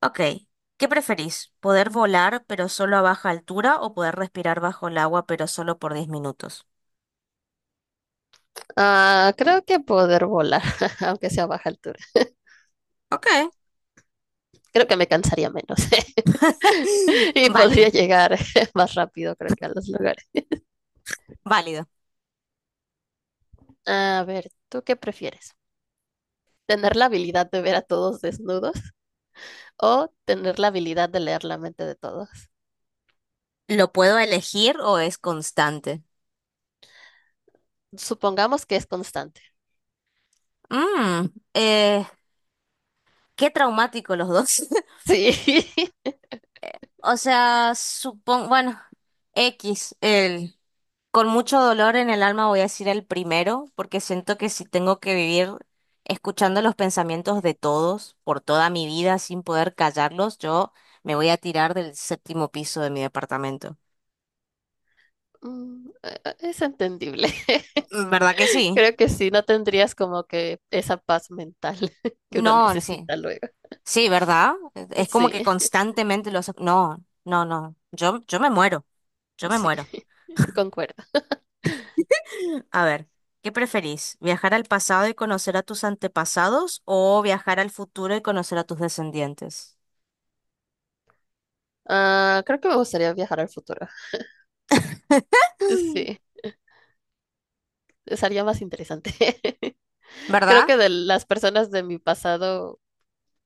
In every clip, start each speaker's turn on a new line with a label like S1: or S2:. S1: Ok, ¿qué preferís? ¿Poder volar pero solo a baja altura o poder respirar bajo el agua pero solo por 10 minutos?
S2: Ah, creo que poder volar, aunque sea a baja altura.
S1: Ok,
S2: Creo que me cansaría menos y podría
S1: válido,
S2: llegar más rápido, creo que a los lugares.
S1: válido.
S2: A ver, ¿tú qué prefieres? ¿Tener la habilidad de ver a todos desnudos o tener la habilidad de leer la mente de todos?
S1: ¿Lo puedo elegir o es constante?
S2: Supongamos que es constante.
S1: Mm, eh, qué traumático los dos.
S2: Sí.
S1: O sea, supongo, bueno, X, Con mucho dolor en el alma voy a decir el primero, porque siento que si tengo que vivir escuchando los pensamientos de todos por toda mi vida sin poder callarlos, yo me voy a tirar del séptimo piso de mi departamento.
S2: Es entendible.
S1: ¿Verdad que sí?
S2: Creo que sí, no tendrías como que esa paz mental que uno
S1: No, sí.
S2: necesita luego.
S1: Sí, ¿verdad? Es como que
S2: Sí,
S1: constantemente los... No, no, no. Yo me muero. Yo me
S2: sí,
S1: muero.
S2: concuerdo.
S1: A ver, ¿qué preferís? ¿Viajar al pasado y conocer a tus antepasados o viajar al futuro y conocer a tus descendientes?
S2: Ah, creo que me gustaría viajar al futuro. Sí, sería más interesante. Creo
S1: ¿Verdad?
S2: que de las personas de mi pasado,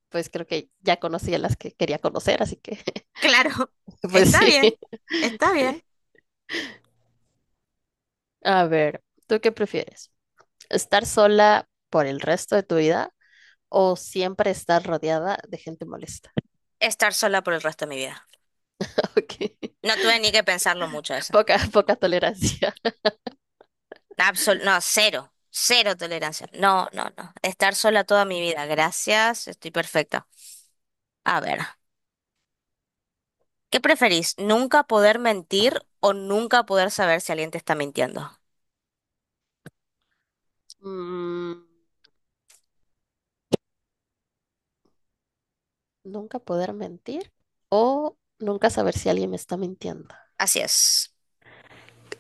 S2: pues creo que ya conocí a las que quería conocer, así que,
S1: Claro,
S2: pues
S1: está
S2: sí.
S1: bien, está bien,
S2: A ver, ¿tú qué prefieres? ¿Estar sola por el resto de tu vida o siempre estar rodeada de gente molesta?
S1: estar sola por el resto de mi vida.
S2: Ok,
S1: No tuve ni que pensarlo mucho eso.
S2: poca tolerancia.
S1: No, cero, cero tolerancia. No, no, no. Estar sola toda mi vida. Gracias, estoy perfecta. A ver, ¿qué preferís? ¿Nunca poder mentir o nunca poder saber si alguien te está mintiendo?
S2: Mm, ¿nunca poder mentir o nunca saber si alguien me está mintiendo?
S1: Así es.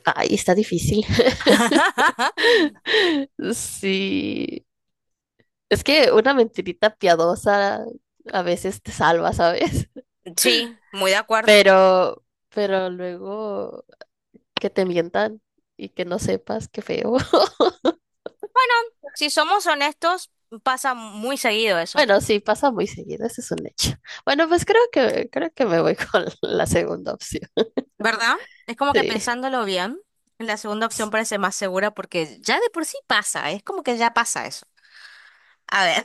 S2: Ay, está difícil. Sí, es que una mentirita piadosa a veces te salva, ¿sabes?
S1: Sí, muy de acuerdo.
S2: Pero, pero luego que te mientan y que no sepas, qué feo.
S1: Bueno, si somos honestos, pasa muy seguido eso.
S2: Bueno, sí, pasa muy seguido, ese es un hecho. Bueno, pues creo que me voy con la segunda opción.
S1: ¿Verdad? Es como que
S2: Sí.
S1: pensándolo bien, la segunda opción parece más segura porque ya de por sí pasa, es como que ya pasa eso. A ver.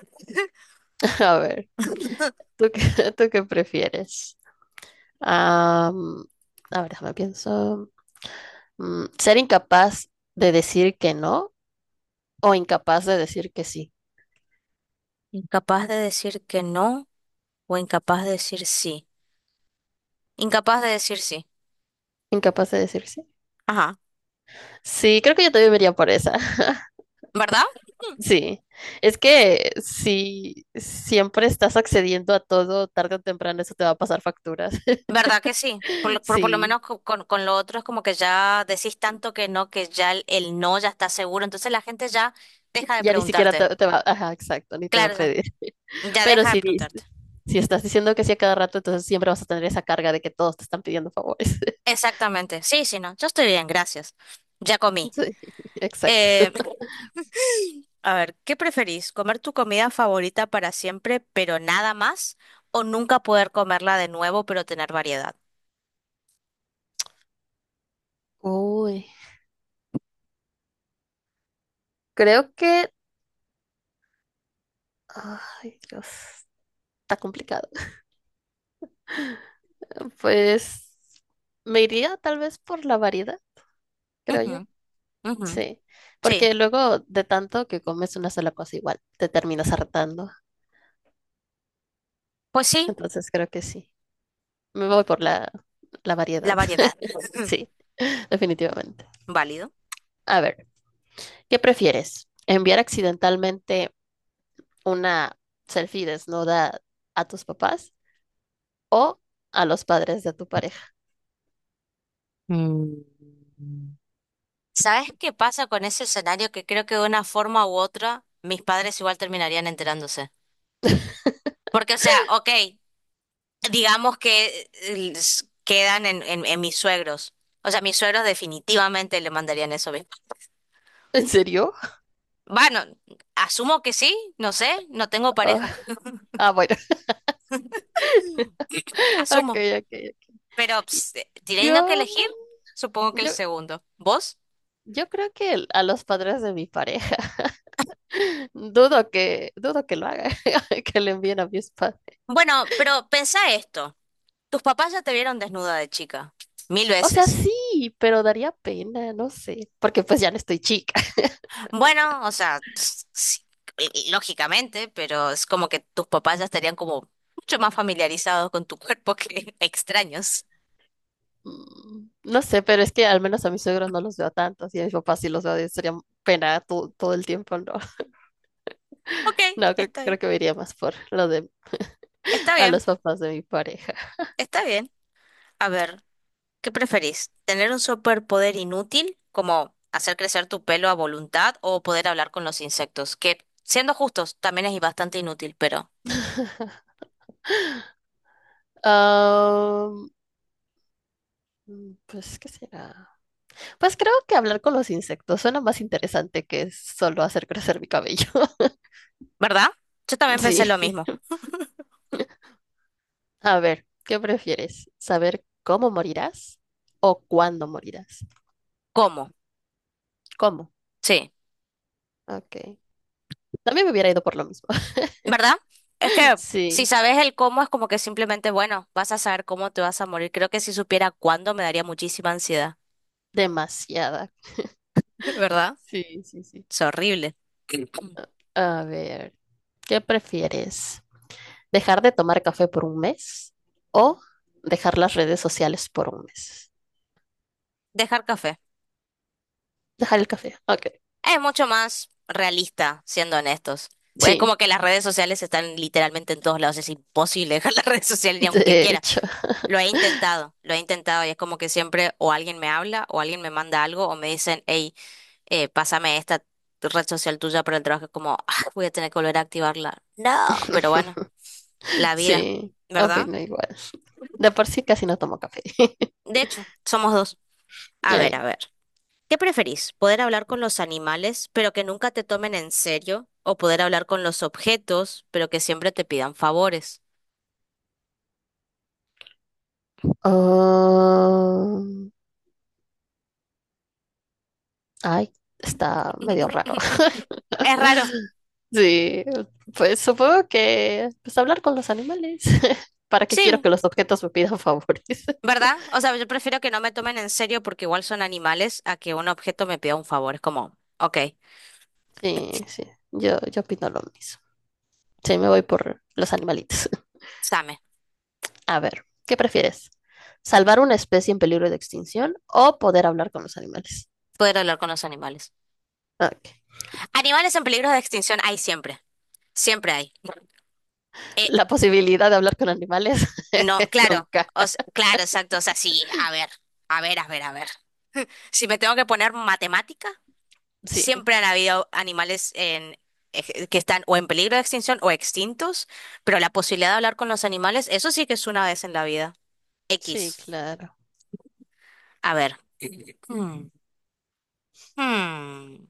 S2: A ver, ¿tú qué, ¿tú qué prefieres? Am, a ver, déjame pienso. Mm, ¿ser incapaz de decir que no o incapaz de decir que sí?
S1: Incapaz de decir que no o incapaz de decir sí. Incapaz de decir sí.
S2: Incapaz de decir sí.
S1: Ajá.
S2: Sí, creo que yo también me iría por esa.
S1: ¿Verdad?
S2: Sí. Es que si siempre estás accediendo a todo, tarde o temprano eso te va a pasar facturas.
S1: ¿Verdad que sí? Por por- lo
S2: Sí.
S1: menos con lo otro es como que ya decís tanto que no, que ya el no ya está seguro, entonces la gente ya deja de
S2: Ya ni siquiera
S1: preguntarte.
S2: ajá, exacto, ni te va a
S1: Claro, ya.
S2: pedir.
S1: Ya
S2: Pero
S1: deja de
S2: si, dis-
S1: preguntarte.
S2: si estás diciendo que sí a cada rato, entonces siempre vas a tener esa carga de que todos te están pidiendo favores.
S1: Exactamente. Sí, sí, no. Yo estoy bien, gracias. Ya comí.
S2: Sí, exacto.
S1: Eh, A ver, ¿qué preferís? ¿Comer tu comida favorita para siempre, pero nada más? ¿O nunca poder comerla de nuevo, pero tener variedad?
S2: Uy, creo que... Ay, Dios, está complicado. Pues me iría tal vez por la variedad, creo
S1: Ujú,
S2: yo.
S1: ujú.
S2: Sí,
S1: Sí,
S2: porque luego de tanto que comes una sola cosa igual, te terminas hartando.
S1: pues sí,
S2: Entonces creo que sí. Me voy por la
S1: la
S2: variedad.
S1: variedad.
S2: Sí, definitivamente.
S1: Válido.
S2: A ver, ¿qué prefieres? ¿Enviar accidentalmente una selfie desnuda a tus papás o a los padres de tu pareja?
S1: Mm. ¿Sabes qué pasa con ese escenario? Que creo que de una forma u otra mis padres igual terminarían enterándose. Porque, o sea, ok, digamos que quedan en mis suegros. O sea, mis suegros definitivamente le mandarían eso mismo.
S2: ¿En serio?
S1: Bueno, asumo que sí, no sé, no tengo
S2: Oh,
S1: pareja,
S2: ah, bueno. Ok,
S1: asumo.
S2: ok, ok.
S1: Pero ps,
S2: Yo,
S1: teniendo que elegir, supongo que el
S2: yo,
S1: segundo. ¿Vos?
S2: yo creo que a los padres de mi pareja. Dudo que lo haga, que le envíen a mi spa.
S1: Bueno, pero pensá esto. Tus papás ya te vieron desnuda de chica, mil
S2: O sea,
S1: veces.
S2: sí, pero daría pena, no sé, porque pues ya no estoy chica.
S1: Bueno, o sea, ps, sí, y lógicamente, pero es como que tus papás ya estarían como mucho más familiarizados con tu cuerpo que extraños.
S2: Mm, no sé, pero es que al menos a mis suegros no los veo tanto, y a mis papás sí los veo, sería pena todo el tiempo, no.
S1: Ok,
S2: No, creo
S1: está
S2: creo
S1: bien.
S2: que me iría más por lo de
S1: Está
S2: a
S1: bien,
S2: los papás de mi pareja.
S1: está bien. A ver. ¿Qué preferís? ¿Tener un superpoder inútil, como hacer crecer tu pelo a voluntad o poder hablar con los insectos? Que, siendo justos, también es bastante inútil, pero
S2: Ah, pues, ¿qué será? Pues creo que hablar con los insectos suena más interesante que solo hacer crecer mi cabello.
S1: ¿verdad? Yo también pensé lo mismo.
S2: Sí. A ver, ¿qué prefieres? ¿Saber cómo morirás o cuándo morirás?
S1: ¿Cómo?
S2: ¿Cómo?
S1: Sí,
S2: Ok. También me hubiera ido por lo mismo.
S1: ¿verdad? Es que si
S2: Sí,
S1: sabes el cómo es como que simplemente, bueno, vas a saber cómo te vas a morir. Creo que si supiera cuándo me daría muchísima ansiedad.
S2: demasiada.
S1: ¿Verdad?
S2: Sí, sí, sí.
S1: Es horrible.
S2: A ver, ¿qué prefieres? ¿Dejar de tomar café por un mes o dejar las redes sociales por un mes?
S1: Dejar café.
S2: Dejar el café. Ok.
S1: Es mucho más realista, siendo honestos. Pues es
S2: Sí,
S1: como que las redes sociales están literalmente en todos lados. Es imposible dejar las redes sociales ni aunque
S2: de
S1: quiera.
S2: hecho.
S1: Lo he intentado y es como que siempre o alguien me habla o alguien me manda algo o me dicen, hey, pásame esta red social tuya para el trabajo. Es como, "Ah, voy a tener que volver a activarla". No, pero bueno, la vida,
S2: Sí,
S1: ¿verdad?
S2: opino igual. De por sí casi no tomo café.
S1: De hecho, somos dos. A ver, a
S2: Ay.
S1: ver. ¿Qué preferís? ¿Poder hablar con los animales, pero que nunca te tomen en serio? ¿O poder hablar con los objetos, pero que siempre te pidan favores?
S2: Ah, Ay, está medio raro.
S1: Es raro.
S2: Sí, pues supongo que pues hablar con los animales. ¿Para qué quiero
S1: Sí,
S2: que los objetos me pidan favores?
S1: ¿verdad? O sea, yo prefiero que no me tomen en serio porque igual son animales a que un objeto me pida un favor. Es como, ok,
S2: Sí, sí, yo opino lo mismo. Sí, me voy por los animalitos.
S1: dame,
S2: A ver, ¿qué prefieres? ¿Salvar una especie en peligro de extinción o poder hablar con los animales?
S1: poder hablar con los animales.
S2: Ok.
S1: Animales en peligro de extinción hay siempre. Siempre hay. Eh,
S2: La posibilidad de hablar con animales,
S1: no, claro.
S2: nunca.
S1: Claro, exacto. O sea, sí, a ver, a ver, a ver, a ver. Si me tengo que poner matemática.
S2: Sí,
S1: Siempre han habido animales en, que están o en peligro de extinción o extintos, pero la posibilidad de hablar con los animales, eso sí que es una vez en la vida.
S2: sí,
S1: X.
S2: claro.
S1: A ver. Hmm. Hmm.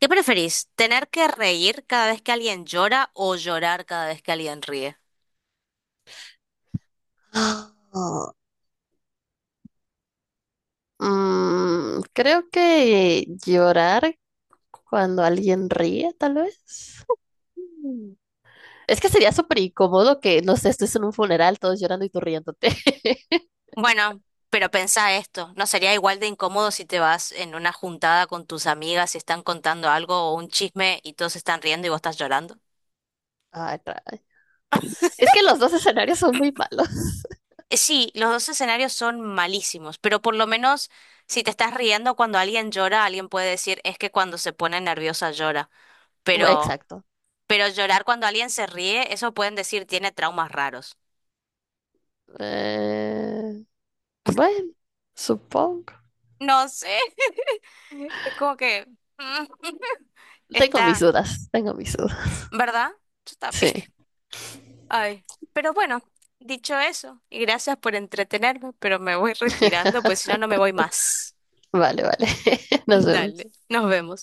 S1: ¿Qué preferís? ¿Tener que reír cada vez que alguien llora o llorar cada vez que alguien ríe?
S2: Mm, creo que llorar cuando alguien ríe, tal vez. Es que sería súper incómodo que, no sé, estés en un funeral, todos llorando y tú riéndote.
S1: Bueno, pero pensá esto, ¿no sería igual de incómodo si te vas en una juntada con tus amigas y están contando algo o un chisme y todos están riendo y vos estás llorando?
S2: Ay, caray. Es que los dos escenarios son muy malos.
S1: Sí, los dos escenarios son malísimos, pero por lo menos si te estás riendo cuando alguien llora, alguien puede decir es que cuando se pone nerviosa llora,
S2: Bueno,
S1: pero
S2: exacto.
S1: pero llorar cuando alguien se ríe, eso pueden decir tiene traumas raros.
S2: Eh, bueno, supongo.
S1: No sé, es como que mm,
S2: Tengo mis
S1: está,
S2: dudas, tengo mis dudas.
S1: ¿verdad? Está
S2: Sí,
S1: bien. Ay, pero bueno, dicho eso, y gracias por entretenerme, pero me voy retirando, pues si no no me voy más.
S2: vale, vale. Nos vemos.
S1: Dale, nos vemos.